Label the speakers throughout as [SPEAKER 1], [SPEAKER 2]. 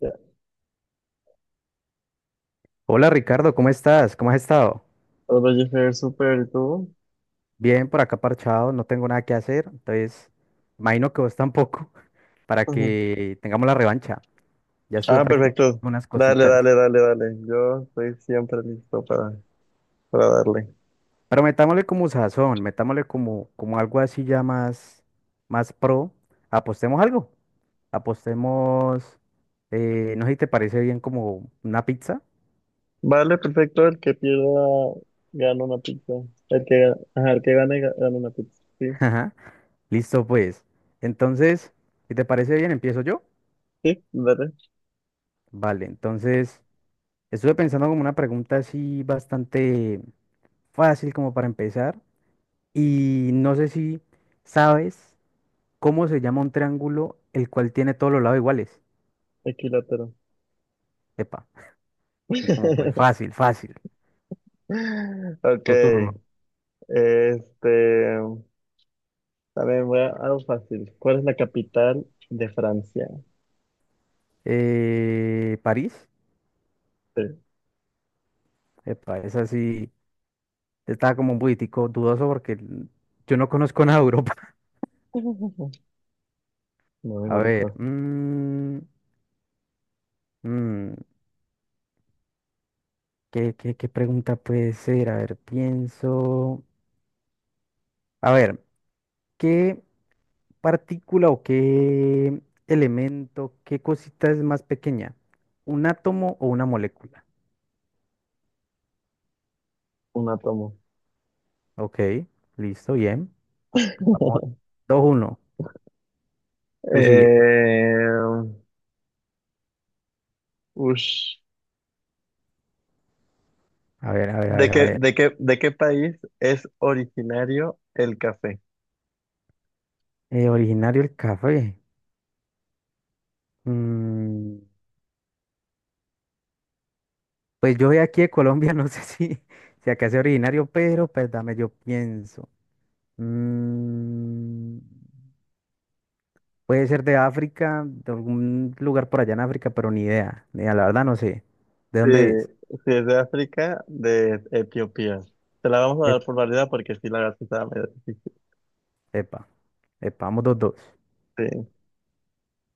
[SPEAKER 1] Ya,
[SPEAKER 2] Hola Ricardo, ¿cómo estás? ¿Cómo has estado?
[SPEAKER 1] Otro Jeffer Super, ¿y tú?
[SPEAKER 2] Bien, por acá parchado, no tengo nada que hacer, entonces imagino que vos tampoco, para
[SPEAKER 1] Ujú.
[SPEAKER 2] que tengamos la revancha. Ya estuve
[SPEAKER 1] Ah,
[SPEAKER 2] practicando
[SPEAKER 1] perfecto.
[SPEAKER 2] unas
[SPEAKER 1] Dale,
[SPEAKER 2] cositas,
[SPEAKER 1] dale, dale, dale. Yo estoy siempre listo para darle.
[SPEAKER 2] pero metámosle como sazón, metámosle como, como algo así ya más, más pro. Apostemos algo, apostemos, no sé si te parece bien como una pizza.
[SPEAKER 1] Vale, perfecto. El que pierda gana una pizza. El que, ajá, el que gane gana una pizza. Sí,
[SPEAKER 2] Ajá, listo pues. Entonces, si te parece bien, empiezo yo.
[SPEAKER 1] sí, dale.
[SPEAKER 2] Vale, entonces, estuve pensando como una pregunta así bastante fácil como para empezar y no sé si sabes cómo se llama un triángulo el cual tiene todos los lados iguales.
[SPEAKER 1] Equilátero.
[SPEAKER 2] Epa, así como pues fácil, fácil,
[SPEAKER 1] Ok.
[SPEAKER 2] tu turno.
[SPEAKER 1] Este. También voy a algo fácil. ¿Cuál es la capital de Francia?
[SPEAKER 2] París,
[SPEAKER 1] Sí.
[SPEAKER 2] epa, esa sí está como un poquitico dudoso porque yo no conozco nada de Europa.
[SPEAKER 1] No,
[SPEAKER 2] A
[SPEAKER 1] igual es
[SPEAKER 2] ver,
[SPEAKER 1] fácil.
[SPEAKER 2] mm, ¿qué, qué, qué pregunta puede ser? A ver, pienso. A ver, ¿qué partícula o qué elemento, qué cosita es más pequeña? ¿Un átomo o una molécula?
[SPEAKER 1] Un átomo.
[SPEAKER 2] Ok, listo, bien. Vamos, dos uno. Tú sigue.
[SPEAKER 1] Eh, ush.
[SPEAKER 2] A ver, a ver, a
[SPEAKER 1] ¿De
[SPEAKER 2] ver, a
[SPEAKER 1] qué,
[SPEAKER 2] ver.
[SPEAKER 1] de qué, de qué país es originario el café?
[SPEAKER 2] Originario el café. Mm, pues yo soy aquí de Colombia, no sé si, si acá es originario, pero pues dame, yo pienso. Mm, puede ser de África, de algún lugar por allá en África, pero ni idea. Ni idea, la verdad no sé. ¿De
[SPEAKER 1] Sí,
[SPEAKER 2] dónde es?
[SPEAKER 1] sí, es de África, de Etiopía. Te la vamos a dar por válida porque sí, la verdad sí estaba medio difícil.
[SPEAKER 2] Epa, epa, vamos dos, dos.
[SPEAKER 1] Sí,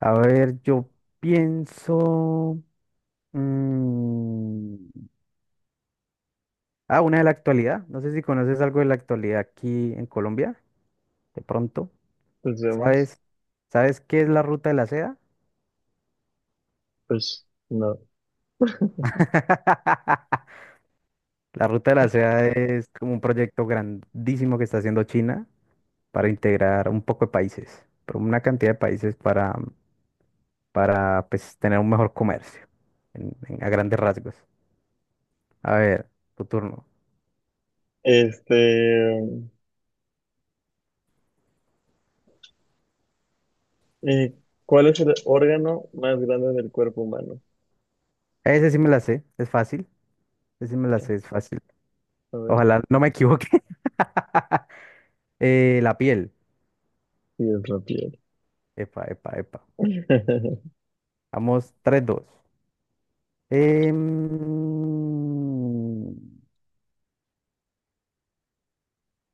[SPEAKER 2] A ver, yo pienso. mm, Ah, una de la actualidad. No sé si conoces algo de la actualidad aquí en Colombia, de pronto.
[SPEAKER 1] pues vemos.
[SPEAKER 2] ¿Sabes? ¿Sabes qué es la Ruta de la Seda?
[SPEAKER 1] Pues no.
[SPEAKER 2] La Ruta de la Seda es como un proyecto grandísimo que está haciendo China para integrar un poco de países, pero una cantidad de países para pues, tener un mejor comercio, a grandes rasgos. A ver, tu turno.
[SPEAKER 1] Este, mm, eh, ¿cuál es el órgano más grande del cuerpo humano?
[SPEAKER 2] Ese sí me la sé, es fácil. Ese sí me la sé, es fácil.
[SPEAKER 1] A ver,
[SPEAKER 2] Ojalá no me equivoque. La piel.
[SPEAKER 1] sí, es la piel.
[SPEAKER 2] Epa, epa, epa. Vamos, tres, dos. Em,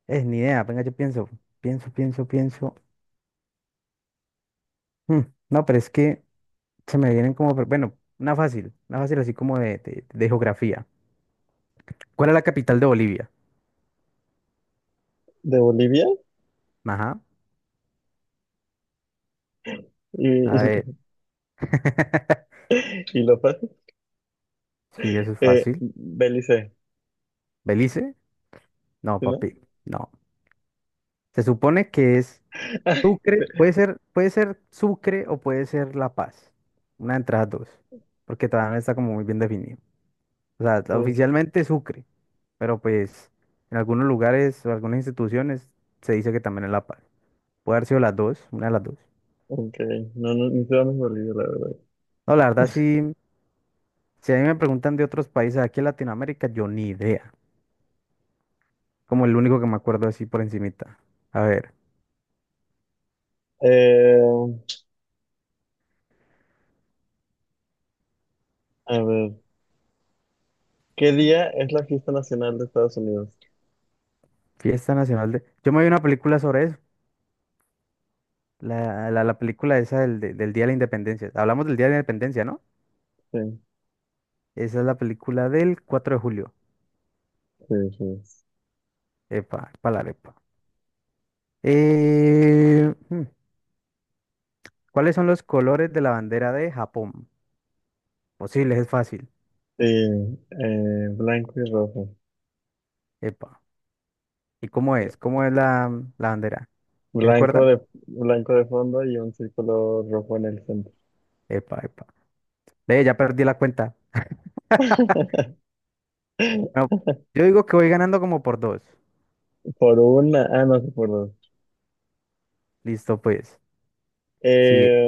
[SPEAKER 2] Es ni idea, venga, yo pienso. Pienso, pienso, pienso. Mm, No, pero es que se me vienen como, pero bueno, una fácil. Una fácil así como de geografía. ¿Cuál es la capital de Bolivia?
[SPEAKER 1] ¿De Bolivia?
[SPEAKER 2] Ajá.
[SPEAKER 1] Y,
[SPEAKER 2] A ver.
[SPEAKER 1] y lo fácil.
[SPEAKER 2] Sí, eso es fácil.
[SPEAKER 1] Belice,
[SPEAKER 2] ¿Belice? No,
[SPEAKER 1] ¿sí, no?
[SPEAKER 2] papi. No. Se supone que es
[SPEAKER 1] Ay,
[SPEAKER 2] Sucre, puede ser Sucre o puede ser La Paz. Una de entre las dos, porque todavía no está como muy bien definido. O sea,
[SPEAKER 1] uf,
[SPEAKER 2] oficialmente Sucre, pero pues en algunos lugares o algunas instituciones se dice que también es La Paz. Puede haber sido las dos, una de las dos.
[SPEAKER 1] ok, no, no, ni siquiera me olvido, la verdad.
[SPEAKER 2] No, la verdad sí, si a mí me preguntan de otros países aquí en Latinoamérica, yo ni idea. Como el único que me acuerdo así por encimita. A ver,
[SPEAKER 1] Eh, a ver, ¿qué día es la fiesta nacional de Estados Unidos?
[SPEAKER 2] fiesta nacional de... Yo me vi una película sobre eso, la película esa del Día de la Independencia. Hablamos del Día de la Independencia, ¿no?
[SPEAKER 1] Sí,
[SPEAKER 2] Esa es la película del 4 de julio.
[SPEAKER 1] sí, sí.
[SPEAKER 2] Epa, palarepa. Eh, hmm, ¿Cuáles son los colores de la bandera de Japón? Posibles, es fácil.
[SPEAKER 1] Sí, blanco y rojo.
[SPEAKER 2] Epa. ¿Y cómo es? ¿Cómo es la bandera? ¿Sí? ¿Se
[SPEAKER 1] Blanco
[SPEAKER 2] acuerda?
[SPEAKER 1] de, blanco de fondo y un círculo rojo en el centro.
[SPEAKER 2] Epa, epa. Ve, ya perdí la cuenta. No, yo digo que voy ganando como por dos.
[SPEAKER 1] Por una, ah, no sé por dos.
[SPEAKER 2] Listo, pues. Sigue,
[SPEAKER 1] Eh,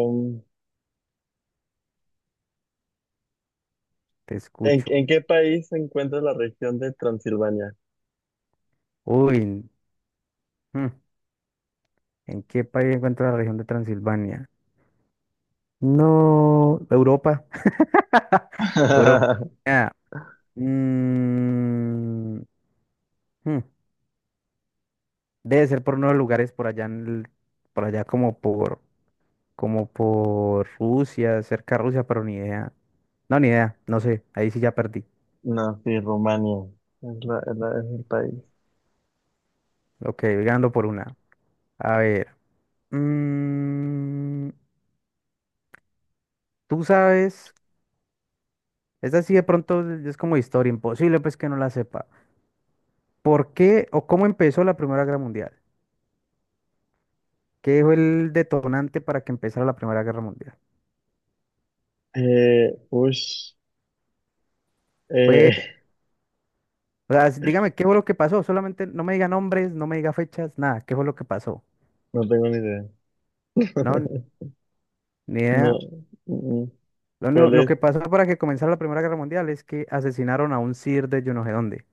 [SPEAKER 2] te
[SPEAKER 1] ¿en,
[SPEAKER 2] escucho.
[SPEAKER 1] en qué país se encuentra la región de Transilvania?
[SPEAKER 2] Uy, hmm, ¿en qué país encuentra la región de Transilvania? No, Europa. Europa. Mm, hmm, Debe ser por unos lugares por allá, por allá como por, como por Rusia, cerca de Rusia, pero ni idea. No, ni idea, no sé, ahí sí ya perdí.
[SPEAKER 1] No, sí, Rumania. Es el país.
[SPEAKER 2] Ok, voy ganando por una. A ver, mm, tú sabes, esta sí de pronto es como historia, imposible pues que no la sepa. ¿Por qué o cómo empezó la Primera Guerra Mundial? ¿Qué fue el detonante para que empezara la Primera Guerra Mundial?
[SPEAKER 1] Ush, eh,
[SPEAKER 2] Fue, o sea, dígame qué fue lo que pasó. Solamente no me diga nombres, no me diga fechas, nada. ¿Qué fue lo que pasó?
[SPEAKER 1] no tengo ni idea.
[SPEAKER 2] No, n- ni
[SPEAKER 1] No,
[SPEAKER 2] idea.
[SPEAKER 1] mm,
[SPEAKER 2] Lo único,
[SPEAKER 1] ¿cuál
[SPEAKER 2] lo
[SPEAKER 1] es?
[SPEAKER 2] que pasó para que comenzara la Primera Guerra Mundial es que asesinaron a un sir de yo no sé dónde,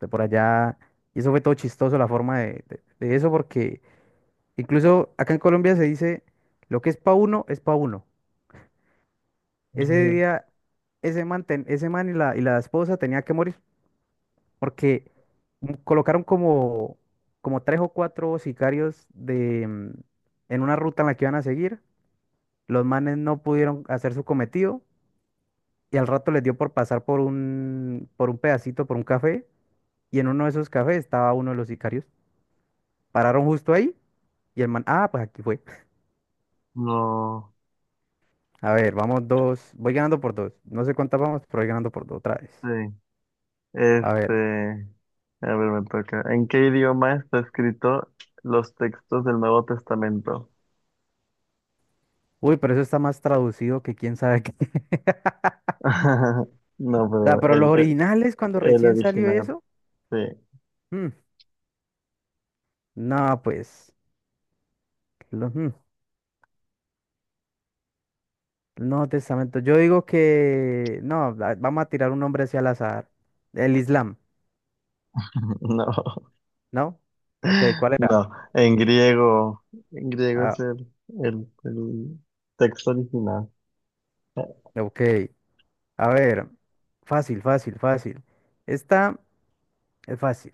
[SPEAKER 2] de por allá. Y eso fue todo chistoso la forma de eso, porque incluso acá en Colombia se dice, lo que es pa' uno, es pa' uno. Ese
[SPEAKER 1] Mm,
[SPEAKER 2] día, ese man y la esposa tenía que morir. Porque colocaron como, como tres o cuatro sicarios de, en una ruta en la que iban a seguir. Los manes no pudieron hacer su cometido y al rato les dio por pasar por un pedacito, por un café, y en uno de esos cafés estaba uno de los sicarios. Pararon justo ahí y el man, ah, pues aquí fue.
[SPEAKER 1] no,
[SPEAKER 2] A ver, vamos dos, voy ganando por dos. No sé cuántas vamos, pero voy ganando por dos otra vez.
[SPEAKER 1] sí.
[SPEAKER 2] A ver.
[SPEAKER 1] Este, a ver, me toca. ¿En qué idioma está escrito los textos del Nuevo Testamento?
[SPEAKER 2] Uy, pero eso está más traducido que quién sabe qué.
[SPEAKER 1] No,
[SPEAKER 2] O sea,
[SPEAKER 1] pero
[SPEAKER 2] pero los
[SPEAKER 1] el, el,
[SPEAKER 2] originales cuando
[SPEAKER 1] el
[SPEAKER 2] recién salió
[SPEAKER 1] original,
[SPEAKER 2] eso.
[SPEAKER 1] sí.
[SPEAKER 2] mm, No, pues, lo- mm, no testamento. Yo digo que, no, vamos a tirar un nombre hacia al azar. El Islam,
[SPEAKER 1] No,
[SPEAKER 2] ¿no? Ok, ¿cuál era?
[SPEAKER 1] no. En griego es
[SPEAKER 2] Ah,
[SPEAKER 1] el texto original.
[SPEAKER 2] ok, a ver, fácil, fácil, fácil. Esta es fácil.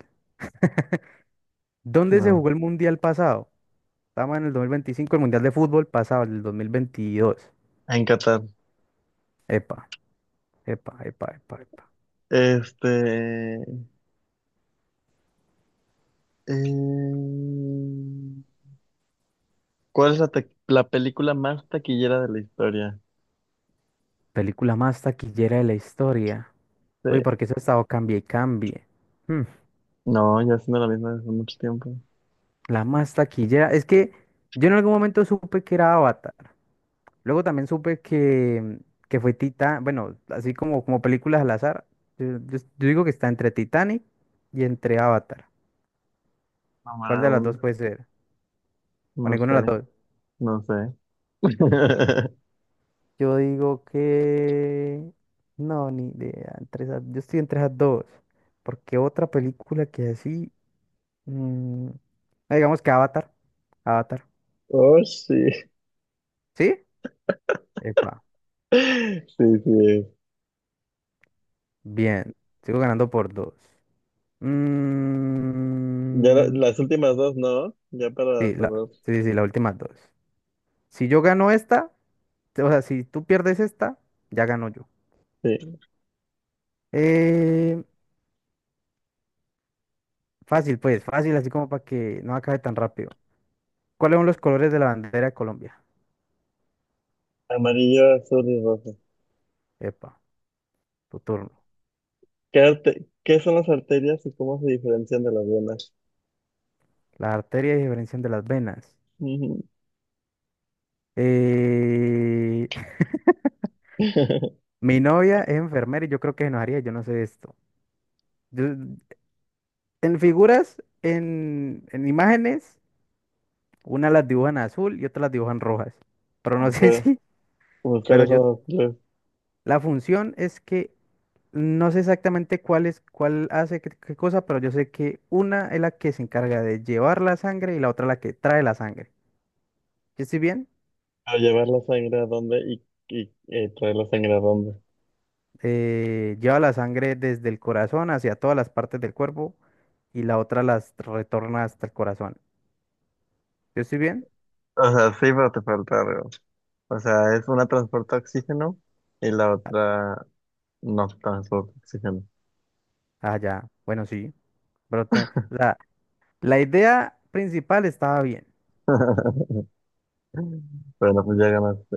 [SPEAKER 2] ¿Dónde se
[SPEAKER 1] No,
[SPEAKER 2] jugó el mundial pasado? Estamos en el 2025, el mundial de fútbol pasado, el 2022.
[SPEAKER 1] en Qatar.
[SPEAKER 2] Epa, epa, epa, epa, epa.
[SPEAKER 1] Este, Eh, ¿Cuál es la película más taquillera de la historia?
[SPEAKER 2] Película más taquillera de la historia. Uy,
[SPEAKER 1] Sí.
[SPEAKER 2] porque eso ha estado cambie y cambie. Hmm.
[SPEAKER 1] No, ya siendo la misma desde hace mucho tiempo.
[SPEAKER 2] La más taquillera. Es que yo en algún momento supe que era Avatar. Luego también supe que fue Titán. Bueno, así como, como películas al azar. Yo digo que está entre Titanic y entre Avatar. ¿Cuál de
[SPEAKER 1] Número
[SPEAKER 2] las
[SPEAKER 1] uno.
[SPEAKER 2] dos puede ser? O
[SPEAKER 1] No
[SPEAKER 2] ninguna de
[SPEAKER 1] sé,
[SPEAKER 2] las dos.
[SPEAKER 1] no sé.
[SPEAKER 2] Yo digo que... No, ni idea. Yo estoy entre esas dos. Porque otra película que así... mm, ah, digamos que Avatar. Avatar.
[SPEAKER 1] Oh, sí.
[SPEAKER 2] ¿Sí? Epa.
[SPEAKER 1] Sí, sí.
[SPEAKER 2] Bien. Sigo ganando por dos.
[SPEAKER 1] Ya
[SPEAKER 2] Mm,
[SPEAKER 1] las últimas dos, ¿no? Ya para
[SPEAKER 2] sí,
[SPEAKER 1] cerrar.
[SPEAKER 2] sí, sí, sí, las últimas dos. Si yo gano esta, o sea, si tú pierdes esta, ya gano yo.
[SPEAKER 1] Sí.
[SPEAKER 2] Eh, fácil, pues, fácil, así como para que no acabe tan rápido. ¿Cuáles son los colores de la bandera de Colombia?
[SPEAKER 1] Amarillo, azul y rojo.
[SPEAKER 2] Epa, tu turno.
[SPEAKER 1] ¿Qué son las arterias y cómo se diferencian de las venas?
[SPEAKER 2] Las arterias diferencian de las venas.
[SPEAKER 1] Ujú.
[SPEAKER 2] Eh, mi novia es enfermera y yo creo que se enojaría, yo no sé esto. Yo- en figuras, en imágenes. Una las dibujan azul y otra las dibujan rojas. Pero no sé
[SPEAKER 1] Ok.
[SPEAKER 2] si,
[SPEAKER 1] Pues,
[SPEAKER 2] pero
[SPEAKER 1] ¿cuáles
[SPEAKER 2] yo,
[SPEAKER 1] son las?
[SPEAKER 2] la función es que no sé exactamente cuál es, cuál hace qué, qué cosa, pero yo sé que una es la que se encarga de llevar la sangre y la otra la que trae la sangre. ¿Yo estoy bien?
[SPEAKER 1] O llevar la sangre a dónde y, traer la sangre a dónde.
[SPEAKER 2] Lleva la sangre desde el corazón hacia todas las partes del cuerpo y la otra las retorna hasta el corazón. ¿Yo estoy bien?
[SPEAKER 1] O sea, sí, pero te falta algo. O sea, es una transporta oxígeno y la otra no transporta oxígeno.
[SPEAKER 2] Ah, ya. Bueno, sí. O sea, la idea principal estaba bien.
[SPEAKER 1] Bueno, pues ya ganaste.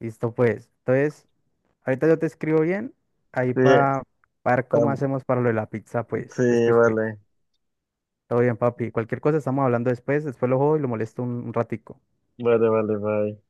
[SPEAKER 2] Listo, pues. Entonces, ahorita yo te escribo bien, ahí
[SPEAKER 1] Sí,
[SPEAKER 2] para ver cómo
[SPEAKER 1] tam-
[SPEAKER 2] hacemos para lo de la pizza, pues, pues,
[SPEAKER 1] sí,
[SPEAKER 2] pues, pues.
[SPEAKER 1] vale.
[SPEAKER 2] Todo bien, papi. Cualquier cosa estamos hablando después, después lo juego y lo molesto un ratico.
[SPEAKER 1] Vale, vale, bye.